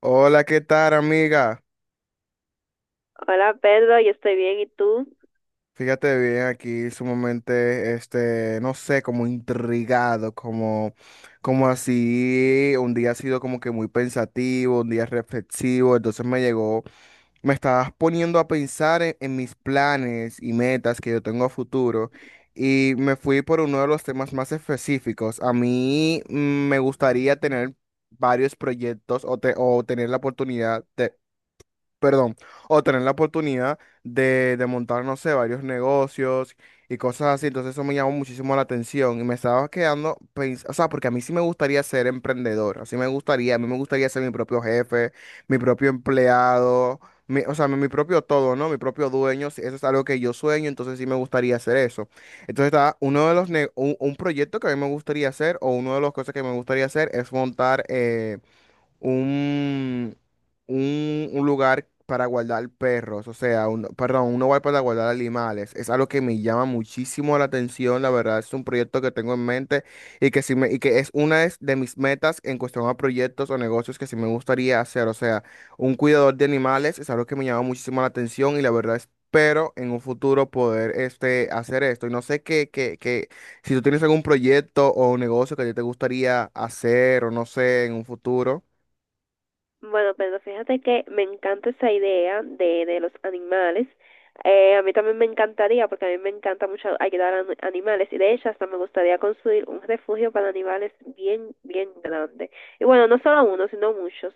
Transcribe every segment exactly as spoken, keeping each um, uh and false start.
Hola, ¿qué tal, amiga? Hola Pedro, yo estoy bien, ¿y tú? Fíjate bien, aquí sumamente, este, no sé, como intrigado, como, como así, un día ha sido como que muy pensativo, un día reflexivo, entonces me llegó, me estabas poniendo a pensar en, en mis planes y metas que yo tengo a futuro y me fui por uno de los temas más específicos. A mí mm, me gustaría tener varios proyectos o, te- o tener la oportunidad, perdón, o tener la oportunidad de, de montar, no sé, varios negocios y cosas así. Entonces eso me llamó muchísimo la atención y me estaba quedando, pens- o sea, porque a mí sí me gustaría ser emprendedor, así me gustaría, a mí me gustaría ser mi propio jefe, mi propio empleado, mi- o sea, mi, mi propio todo, ¿no? Mi propio dueño, sí, eso es algo que yo sueño, entonces sí me gustaría hacer eso. Entonces está uno de los, ne- un, un proyecto que a mí me gustaría hacer o una de las cosas que me gustaría hacer es montar, eh, un, un, un lugar para guardar perros, o sea, un, perdón, un hogar para guardar animales. Es algo que me llama muchísimo la atención, la verdad es un proyecto que tengo en mente y que, sí me, y que es una de de mis metas en cuestión a proyectos o negocios que sí me gustaría hacer, o sea, un cuidador de animales es algo que me llama muchísimo la atención y la verdad espero en un futuro poder este, hacer esto. Y no sé qué, qué, qué, si tú tienes algún proyecto o negocio que a ti te gustaría hacer o no sé en un futuro. Bueno, Pedro, fíjate que me encanta esa idea de, de los animales. Eh, a mí también me encantaría, porque a mí me encanta mucho ayudar a ani- animales. Y de hecho, hasta me gustaría construir un refugio para animales bien, bien grande. Y bueno, no solo uno, sino muchos.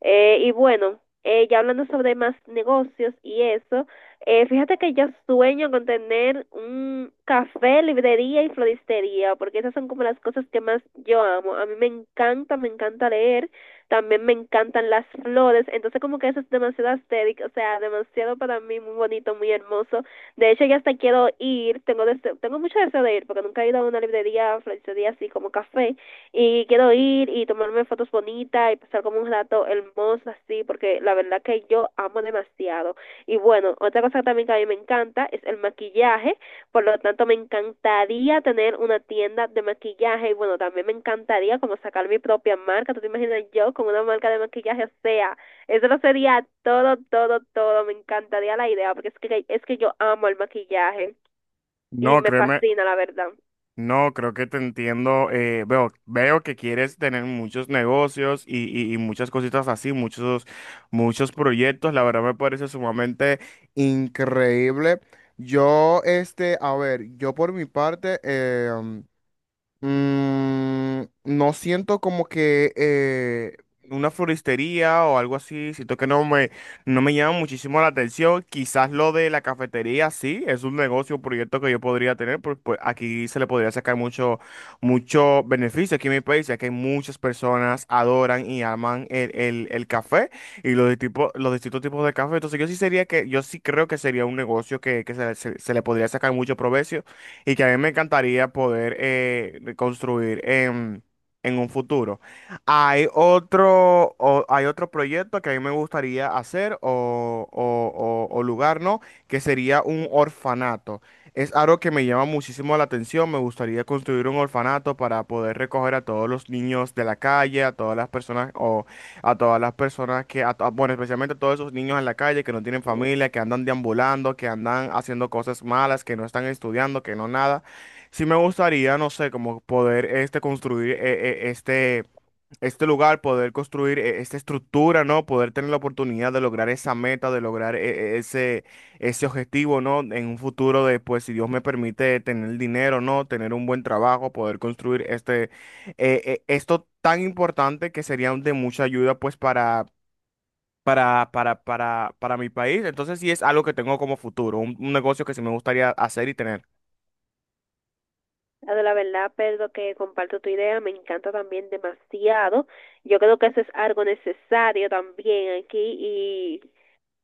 Eh, y bueno, eh, ya hablando sobre más negocios y eso, eh, fíjate que yo sueño con tener un café, librería y floristería, porque esas son como las cosas que más yo amo. A mí me encanta, me encanta leer, también me encantan las flores, entonces como que eso es demasiado estético, o sea, demasiado para mí, muy bonito, muy hermoso. De hecho, ya hasta quiero ir, tengo deseo, tengo mucho deseo de ir, porque nunca he ido a una librería, floristería así como café, y quiero ir y tomarme fotos bonitas y pasar como un rato hermoso así, porque la verdad que yo amo demasiado. Y bueno, otra cosa también que a mí me encanta es el maquillaje, por lo tanto, me encantaría tener una tienda de maquillaje y bueno, también me encantaría como sacar mi propia marca. ¿Tú te imaginas yo con una marca de maquillaje? O sea, eso lo sería todo, todo, todo. Me encantaría la idea porque es que, es que yo amo el maquillaje y No, me créeme, fascina, la verdad. no, creo que te entiendo. eh, veo, veo que quieres tener muchos negocios y, y- y muchas cositas así, muchos, muchos proyectos. La verdad me parece sumamente increíble. Yo, este, a ver, yo por mi parte, em, Mm, no siento como que eh, una floristería o algo así, siento que no me, no me llama muchísimo la atención. Quizás lo de la cafetería sí, es un negocio, un proyecto que yo podría tener, pues, pues aquí se le podría sacar mucho, mucho beneficio aquí en mi país, ya que muchas personas adoran y aman el, el, el café y los, de tipo, los distintos tipos de café. Entonces yo sí sería que, yo sí creo que sería un negocio que, que se, se se le podría sacar mucho provecho y que a mí me encantaría poder eh, reconstruir en, en un futuro. Hay otro, o- hay otro proyecto que a mí me gustaría hacer o, o- o- o lugar, ¿no? Que sería un orfanato. Es algo que me llama muchísimo la atención. Me gustaría construir un orfanato para poder recoger a todos los niños de la calle, a todas las personas o a todas las personas que, a to- bueno, especialmente a todos esos niños en la calle que no tienen familia, que andan deambulando, que andan haciendo cosas malas, que no están estudiando, que no nada. Sí me gustaría, no sé, como poder este construir eh, eh, este este lugar, poder construir eh, esta estructura, ¿no? Poder tener la oportunidad de lograr esa meta, de lograr eh, eh, ese, ese objetivo, ¿no? En un futuro de, pues, si Dios me permite tener dinero, ¿no? Tener un buen trabajo, poder construir este, eh, eh, esto tan importante que sería de mucha ayuda, pues, para... Para, para, para, para mi país. Entonces sí es algo que tengo como futuro, un, un negocio que sí me gustaría hacer y tener. La de la verdad, Pedro, que comparto tu idea, me encanta también demasiado. Yo creo que eso es algo necesario también aquí, y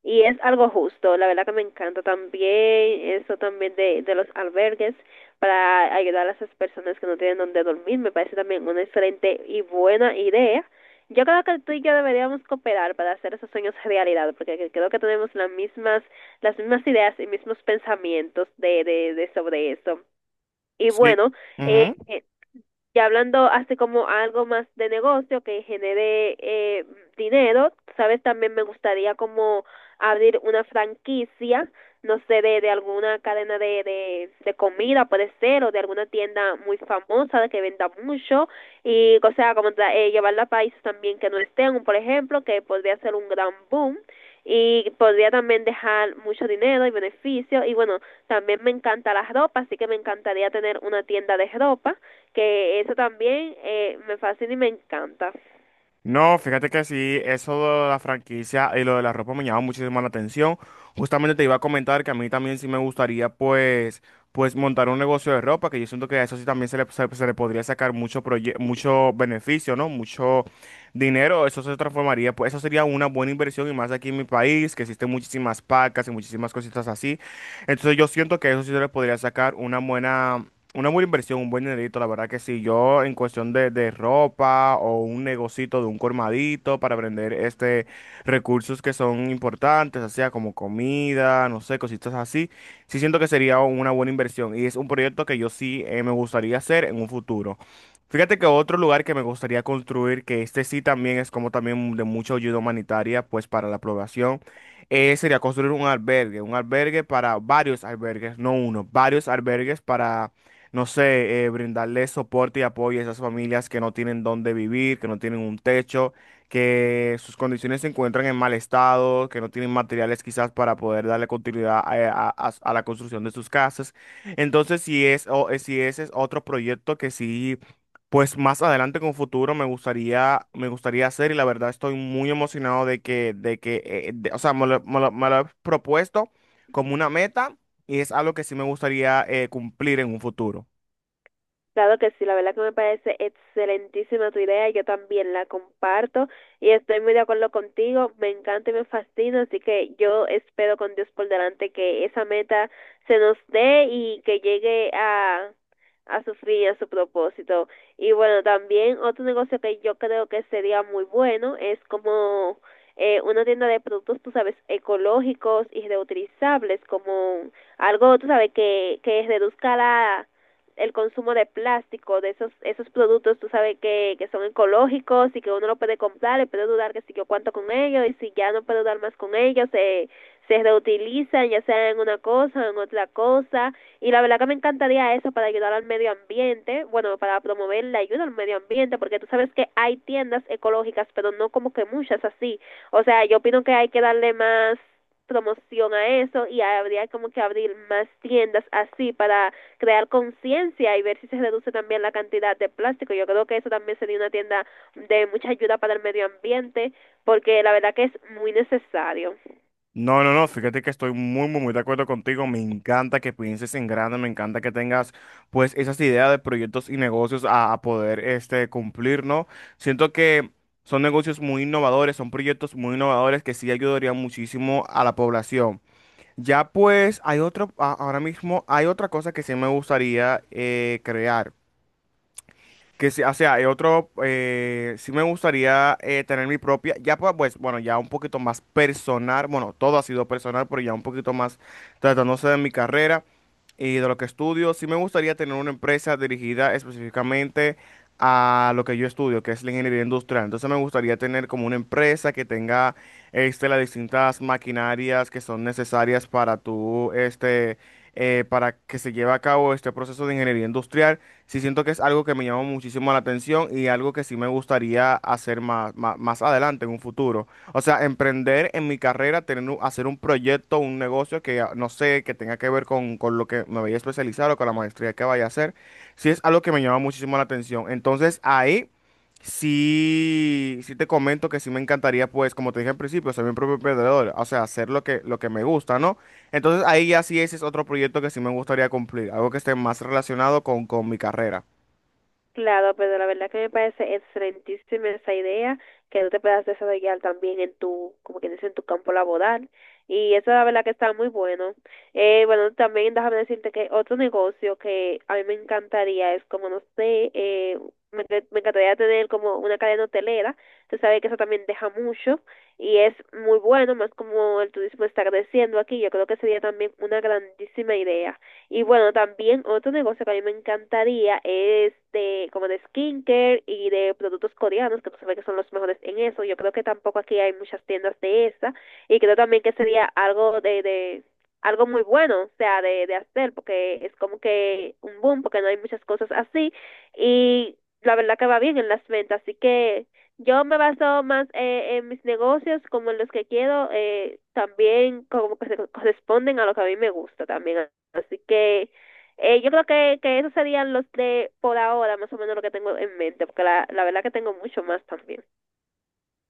Y es algo justo, la verdad que me encanta también eso también de, de los albergues para ayudar a esas personas que no tienen donde dormir, me parece también una excelente y buena idea. Yo creo que tú y yo deberíamos cooperar para hacer esos sueños realidad, porque creo que tenemos las mismas, las mismas ideas y mismos pensamientos de, de, de sobre eso. Y Sí. bueno, eh, Ujú. eh, ya hablando así como algo más de negocio que genere eh, dinero, sabes, también me gustaría como abrir una franquicia, no sé, de, de alguna cadena de, de, de comida puede ser, o de alguna tienda muy famosa que venda mucho, y o sea, como tra- eh, llevarla a países también que no estén, por ejemplo, que podría ser un gran boom. Y podría también dejar mucho dinero y beneficio. Y bueno, también me encanta la ropa, así que me encantaría tener una tienda de ropa, que eso también eh, me fascina y me encanta. No, fíjate que sí, eso de la franquicia y lo de la ropa me llama muchísimo la atención. Justamente te iba a comentar que a mí también sí me gustaría pues, pues montar un negocio de ropa, que yo siento que a eso sí también se le, se, se le podría sacar mucho, proye- mucho beneficio, ¿no? Mucho dinero, eso se transformaría, pues eso sería una buena inversión y más aquí en mi país, que existen muchísimas pacas y muchísimas cositas así. Entonces yo siento que eso sí se le podría sacar una buena una buena inversión, un buen dinerito, la verdad que sí. Yo en cuestión de, de ropa o un negocito de un colmadito para vender este recursos que son importantes, así como comida, no sé, cositas así, sí siento que sería una buena inversión y es un proyecto que yo sí eh, me gustaría hacer en un futuro. Fíjate que otro lugar que me gustaría construir, que este sí también es como también de mucha ayuda humanitaria, pues para la población, eh, sería construir un albergue, un albergue para varios albergues, no uno, varios albergues para no sé, eh, brindarle soporte y apoyo a esas familias que no tienen dónde vivir, que no tienen un techo, que sus condiciones se encuentran en mal estado, que no tienen materiales quizás para poder darle continuidad a, eh, a- a- a la construcción de sus casas. Entonces, si es, o, eh, si ese es otro proyecto que sí, pues más adelante con futuro me gustaría, me gustaría hacer y la verdad estoy muy emocionado de que, de que, eh, eh, de- o sea, me lo, me lo- me lo he propuesto como una meta y es algo que sí me gustaría eh, cumplir en un futuro. Claro que sí, la verdad que me parece excelentísima tu idea, yo también la comparto y estoy muy de acuerdo contigo, me encanta y me fascina, así que yo espero con Dios por delante que esa meta se nos dé y que llegue a, a su fin y a su propósito. Y bueno, también otro negocio que yo creo que sería muy bueno es como eh, una tienda de productos, tú sabes, ecológicos y reutilizables, como algo, tú sabes, que, que reduzca la, el consumo de plástico, de esos esos productos, tú sabes que, que son ecológicos y que uno lo puede comprar y puede dudar que si yo cuánto con ellos y si ya no puedo dar más con ellos, se, se reutilizan ya sea en una cosa o en otra cosa, y la verdad que me encantaría eso para ayudar al medio ambiente, bueno, para promover la ayuda al medio ambiente, porque tú sabes que hay tiendas ecológicas pero no como que muchas así, o sea, yo opino que hay que darle más promoción a eso y habría como que abrir más tiendas así para crear conciencia y ver si se reduce también la cantidad de plástico. Yo creo que eso también sería una tienda de mucha ayuda para el medio ambiente, porque la verdad que es muy necesario. No, no, no, fíjate que estoy muy, muy, muy de acuerdo contigo. Me encanta que pienses en grande, me encanta que tengas pues esas ideas de proyectos y negocios a, a poder este, cumplir, ¿no? Siento que son negocios muy innovadores, son proyectos muy innovadores que sí ayudarían muchísimo a la población. Ya pues hay otro, a- ahora mismo hay otra cosa que sí me gustaría eh, crear. Que sí, o sea, hay otro, eh, sí me gustaría eh, tener mi propia, ya pa- pues, bueno, ya un poquito más personal, bueno, todo ha sido personal, pero ya un poquito más tratándose de mi carrera y de lo que estudio, sí me gustaría tener una empresa dirigida específicamente a lo que yo estudio, que es la ingeniería industrial. Entonces me gustaría tener como una empresa que tenga, este, las distintas maquinarias que son necesarias para tu, este, eh, para que se lleve a cabo este proceso de ingeniería industrial, sí siento que es algo que me llama muchísimo la atención y algo que sí me gustaría hacer más, más, más adelante en un futuro. O sea, emprender en mi carrera, tener, un- hacer un proyecto, un negocio que ah, no sé, que tenga que ver con, con lo que me vaya a especializar o con la maestría que vaya a hacer, sí es algo que me llama muchísimo la atención. Entonces ahí sí, sí te comento que sí me encantaría, pues, como te dije al principio, ser mi propio emprendedor, o sea, hacer lo que, lo que me gusta, ¿no? Entonces ahí ya sí ese es otro proyecto que sí me gustaría cumplir, algo que esté más relacionado con, con mi carrera. Claro, pero la verdad que me parece excelentísima esa idea, que tú te puedas desarrollar también en tu, como que dice, en tu campo laboral. Y eso la verdad que está muy bueno. Eh, bueno, también déjame decirte que otro negocio que a mí me encantaría es como, no sé, eh, me, enc- me encantaría tener como una cadena hotelera. Tú sabes que eso también deja mucho y es muy bueno, más como el turismo está creciendo aquí, yo creo que sería también una grandísima idea. Y bueno, también otro negocio que a mí me encantaría es de como de skincare y de productos coreanos, que tú sabes que son los mejores en eso. Yo creo que tampoco aquí hay muchas tiendas de esa, y creo también que sería algo de, de algo muy bueno, o sea, de, de hacer, porque es como que un boom, porque no hay muchas cosas así y la verdad que va bien en las ventas, así que yo me baso más eh, en mis negocios como en los que quiero, eh, también como que se corresponden a lo que a mí me gusta también. Así que eh, yo creo que, que esos serían los de por ahora, más o menos lo que tengo en mente, porque la, la verdad que tengo mucho más también.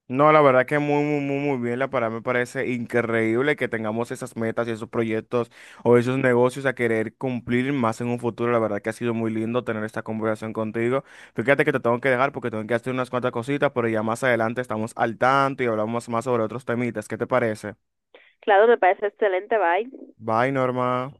No, la verdad que muy, muy, muy, muy bien. La verdad me parece increíble que tengamos esas metas y esos proyectos o esos negocios a querer cumplir más en un futuro. La verdad que ha sido muy lindo tener esta conversación contigo. Fíjate que te tengo que dejar porque tengo que hacer unas cuantas cositas, pero ya más adelante estamos al tanto y hablamos más sobre otros temitas. ¿Qué te parece? Claro, me parece excelente, bye. Bye, Norma.